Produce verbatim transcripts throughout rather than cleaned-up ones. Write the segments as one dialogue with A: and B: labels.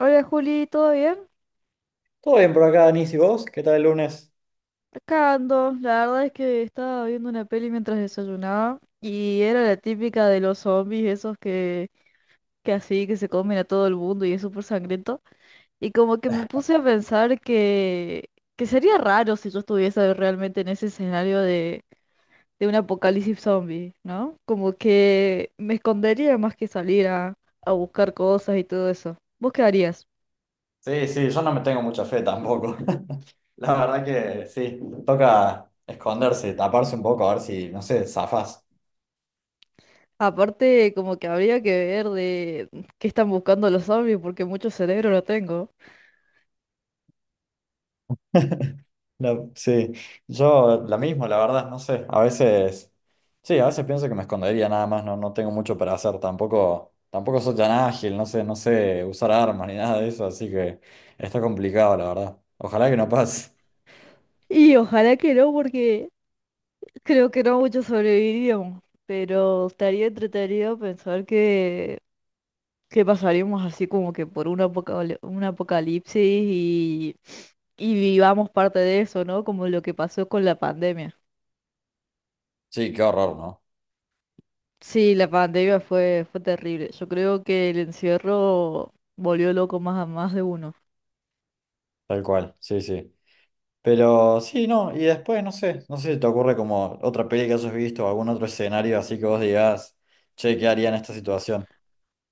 A: Hola Juli, ¿todo bien?
B: Todo bien por acá, Denis, ¿y vos? ¿Qué tal el lunes?
A: Acá ando. La verdad es que estaba viendo una peli mientras desayunaba y era la típica de los zombies, esos que, que así, que se comen a todo el mundo y es súper sangriento. Y como que me puse a pensar que, que sería raro si yo estuviese realmente en ese escenario de, de un apocalipsis zombie, ¿no? Como que me escondería más que salir a, a buscar cosas y todo eso. ¿Vos qué harías?
B: Sí, sí, yo no me tengo mucha fe tampoco. La verdad que sí, toca esconderse, taparse un poco, a ver si, no sé, zafás.
A: Aparte, como que habría que ver de qué están buscando los zombies, porque mucho cerebro no tengo.
B: No, sí, yo la mismo, la verdad, no sé. A veces, sí, a veces pienso que me escondería nada más, no, no tengo mucho para hacer, tampoco, tampoco soy tan ágil, no sé, no sé usar armas ni nada de eso, así que está complicado, la verdad. Ojalá que no pase.
A: Y ojalá que no, porque creo que no muchos sobreviviríamos. Pero estaría entretenido pensar que, que pasaríamos así como que por un apocal- un apocalipsis y, y vivamos parte de eso, ¿no? Como lo que pasó con la pandemia.
B: Sí, qué horror, ¿no?
A: Sí, la pandemia fue, fue terrible. Yo creo que el encierro volvió loco más a más de uno.
B: Tal cual, sí, sí. Pero sí, no, y después no sé, no sé si te ocurre como otra peli que hayas visto o algún otro escenario así que vos digas, che, ¿qué haría en esta situación?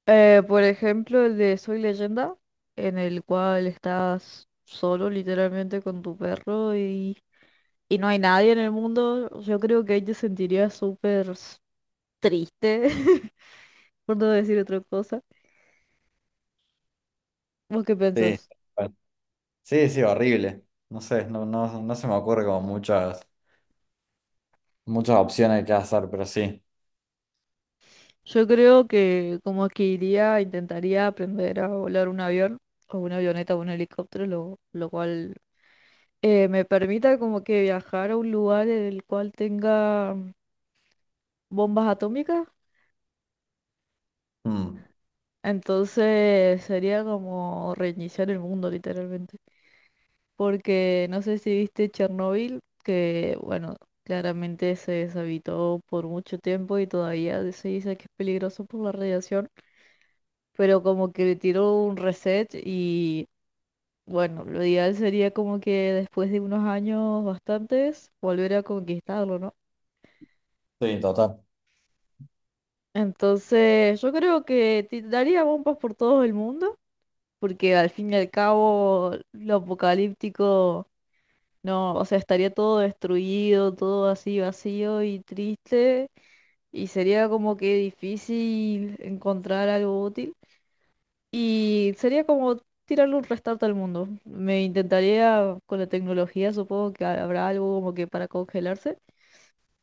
A: Eh, por ejemplo, el de Soy Leyenda, en el cual estás solo literalmente con tu perro y, y no hay nadie en el mundo, yo creo que ahí te sentirías súper s- triste, por no decir otra cosa. ¿Vos qué
B: Sí,
A: pensás?
B: bueno, sí, sí, horrible. No sé, no, no, no se me ocurre como muchas, muchas opciones que hacer, pero sí.
A: Yo creo que como que iría, intentaría aprender a volar un avión o una avioneta o un helicóptero, lo, lo cual eh, me permita como que viajar a un lugar en el cual tenga bombas atómicas.
B: Mm,
A: Entonces sería como reiniciar el mundo literalmente. Porque no sé si viste Chernobyl, que bueno, claramente se deshabitó por mucho tiempo y todavía se dice que es peligroso por la radiación, pero como que le tiró un reset y bueno, lo ideal sería como que después de unos años bastantes volver a conquistarlo, ¿no?
B: sí, total.
A: Entonces yo creo que ti- daría bombas por todo el mundo, porque al fin y al cabo lo apocalíptico. No, o sea, estaría todo destruido, todo así vacío y triste, y sería como que difícil encontrar algo útil, y sería como tirarle un restart al mundo. Me intentaría, con la tecnología supongo que habrá algo como que para congelarse,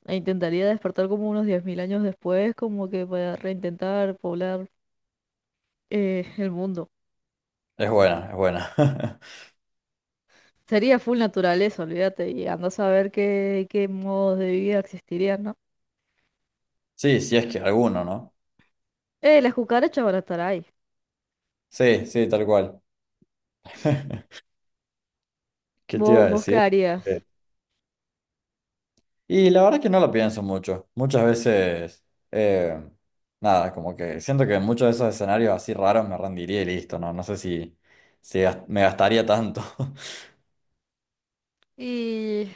A: e intentaría despertar como unos diez mil años después, como que para reintentar poblar eh, el mundo.
B: Es buena, es buena.
A: Sería full naturaleza, olvídate, y anda a saber qué, qué modos de vida existirían, ¿no?
B: Sí, sí es que alguno, ¿no?
A: Eh, las cucarachas van a estar ahí.
B: Sí, sí, tal cual. ¿Qué te iba
A: ¿Vos,
B: a
A: vos qué
B: decir? Eh,
A: harías?
B: Y la verdad que no lo pienso mucho. Muchas veces, eh, nada, como que siento que en muchos de esos escenarios así raros me rendiría y listo, ¿no? No sé si, si gas- me gastaría tanto.
A: Y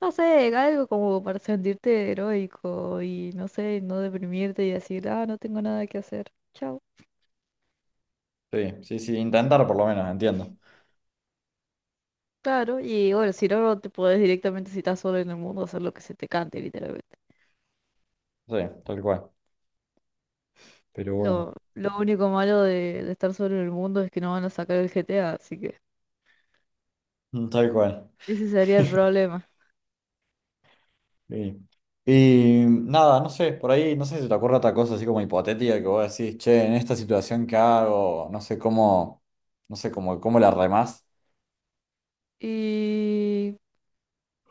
A: no sé, algo como para sentirte heroico y no sé, no deprimirte y decir, ah, no tengo nada que hacer. Chao.
B: Sí, sí, sí, intentar por lo menos, entiendo.
A: Claro, y bueno, si no, no te podés directamente, si estás solo en el mundo, hacer lo que se te cante, literalmente.
B: Sí, tal cual. Pero bueno,
A: Lo, lo único malo de, de estar solo en el mundo es que no van a sacar el G T A, así que
B: mm, tal cual.
A: ese sería el problema.
B: Sí. Y nada, no sé, por ahí, no sé si te ocurre otra cosa así como hipotética que vos decís, che, en esta situación que hago, no sé cómo, no sé cómo, cómo la remás.
A: Y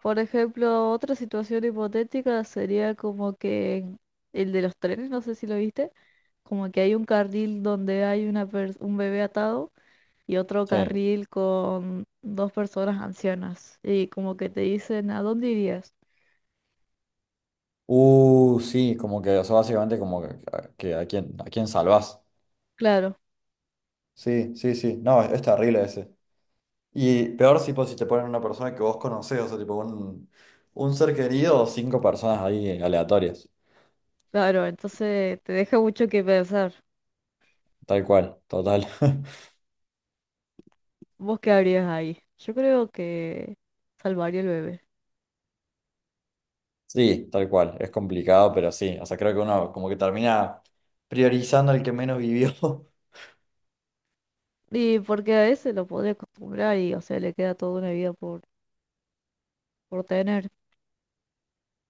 A: por ejemplo, otra situación hipotética sería como que el de los trenes, no sé si lo viste, como que hay un carril donde hay una pers- un bebé atado y otro
B: Sí.
A: carril con dos personas ancianas y como que te dicen, ¿a dónde irías?
B: Uh, sí, como que, o sea, básicamente como que, que a quién, a quién salvás.
A: Claro,
B: Sí, sí, sí. No, es, es terrible ese. Y peor si pues si te ponen una persona que vos conocés, o sea, tipo un, un ser querido o cinco personas ahí aleatorias.
A: claro, entonces te deja mucho que pensar.
B: Tal cual, total.
A: ¿Vos qué harías ahí? Yo creo que salvaría al bebé.
B: Sí, tal cual. Es complicado, pero sí. O sea, creo que uno como que termina priorizando al que menos vivió.
A: Y porque a ese lo podría acostumbrar y, o sea, le queda toda una vida por, por tener.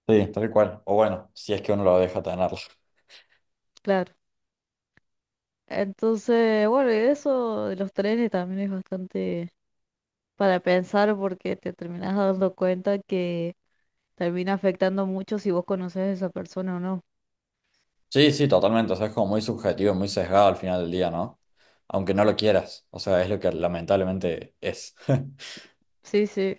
B: Sí, tal cual. O bueno, si es que uno lo deja tenerlo.
A: Claro. Entonces, bueno, y eso de los trenes también es bastante para pensar porque te terminas dando cuenta que termina afectando mucho si vos conoces a esa persona o no.
B: Sí, sí, totalmente. O sea, es como muy subjetivo, muy sesgado al final del día, ¿no? Aunque no lo quieras. O sea, es lo que lamentablemente es.
A: Sí, sí.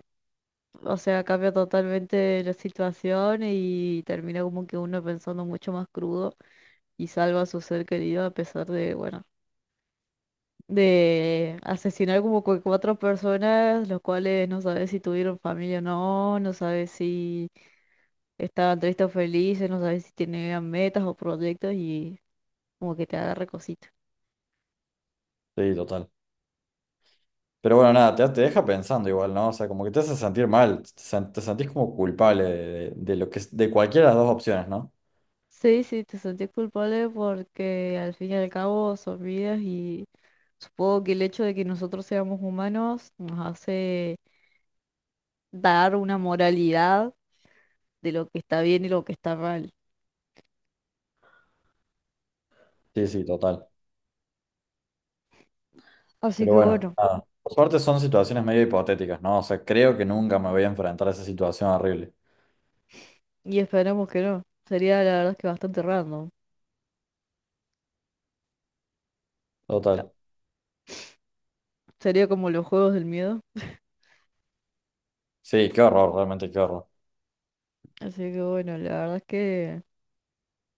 A: O sea, cambia totalmente la situación y termina como que uno pensando mucho más crudo y salva a su ser querido a pesar de, bueno, de asesinar como cu- cuatro personas, los cuales no sabes si tuvieron familia o no, no sabes si estaban tristes o felices, no sabes si tenían metas o proyectos y como que te agarra cosita.
B: Sí, total. Pero bueno, nada, te, te deja pensando igual, ¿no? O sea, como que te hace sentir mal, te, sen- te sentís como culpable de, de- de lo que, es- de cualquiera de las dos opciones, ¿no?
A: Sí, sí, te sentís culpable porque al fin y al cabo son vidas y supongo que el hecho de que nosotros seamos humanos nos hace dar una moralidad de lo que está bien y lo que está mal.
B: Sí, sí, total.
A: Así
B: Pero
A: que
B: bueno,
A: bueno,
B: nada. Por suerte son situaciones medio hipotéticas, ¿no? O sea, creo que nunca me voy a enfrentar a esa situación horrible.
A: y esperemos que no. Sería la verdad es que bastante random. Ah,
B: Total.
A: sería como los juegos del miedo.
B: Sí, qué horror, realmente qué horror.
A: Así que bueno, la verdad es que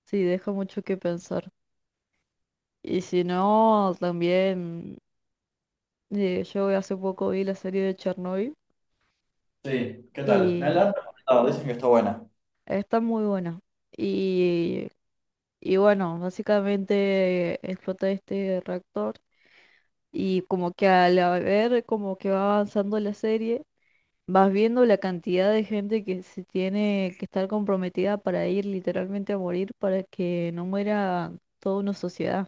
A: sí, deja mucho que pensar. Y si no, también eh, yo hace poco vi la serie de Chernobyl
B: Sí, ¿qué tal? Me
A: y
B: adelanto. No, dicen que está buena.
A: está muy buena. Y, y bueno, básicamente explota este reactor y como que al ver como que va avanzando la serie, vas viendo la cantidad de gente que se tiene que estar comprometida para ir literalmente a morir para que no muera toda una sociedad.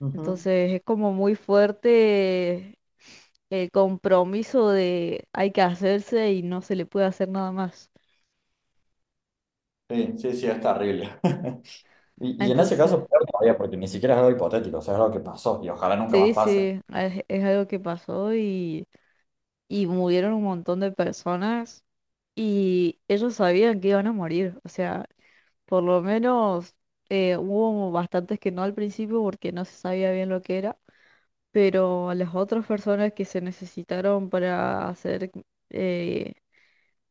B: Ujú.
A: Entonces es como muy fuerte el compromiso de hay que hacerse y no se le puede hacer nada más.
B: Sí, sí, sí, es terrible. Y, y en ese
A: Entonces,
B: caso, peor todavía, porque ni siquiera es algo hipotético, o sea, es algo que pasó y ojalá nunca más
A: sí,
B: pase.
A: sí, es, es algo que pasó y, y murieron un montón de personas y ellos sabían que iban a morir. O sea, por lo menos eh, hubo bastantes que no al principio porque no se sabía bien lo que era, pero a las otras personas que se necesitaron para hacer eh,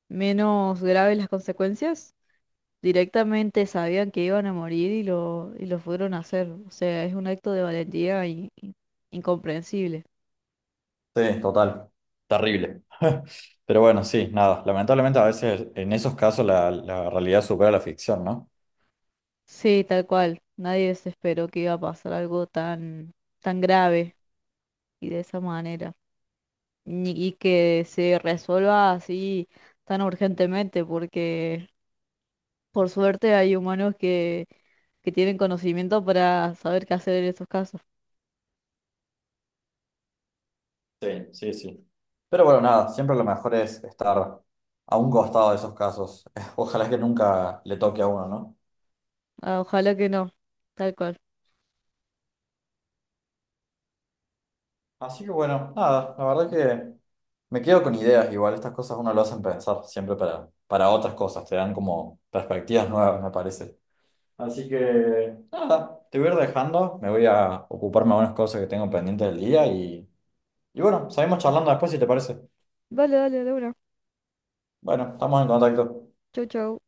A: menos graves las consecuencias. Directamente sabían que iban a morir y lo, y lo fueron a hacer. O sea, es un acto de valentía in- in- incomprensible.
B: Sí, total. Terrible. Pero bueno, sí, nada. Lamentablemente a veces en esos casos la, la realidad supera la ficción, ¿no?
A: Sí, tal cual. Nadie se esperó que iba a pasar algo tan, tan grave y de esa manera. Ni- Y que se resuelva así tan urgentemente, porque por suerte hay humanos que, que tienen conocimiento para saber qué hacer en estos casos.
B: Sí, sí, sí. Pero bueno, nada, siempre lo mejor es estar a un costado de esos casos. Ojalá que nunca le toque a uno, ¿no?
A: Ah, ojalá que no. Tal cual.
B: Así que bueno, nada, la verdad que me quedo con ideas, igual estas cosas uno lo hacen pensar siempre para, para otras cosas, te dan como perspectivas nuevas, me parece. Así que nada, te voy a ir dejando, me voy a ocuparme de unas cosas que tengo pendientes del día y, y bueno, seguimos charlando después si te parece.
A: Vale, dale, de una.
B: Bueno, estamos en contacto.
A: Chau, chau.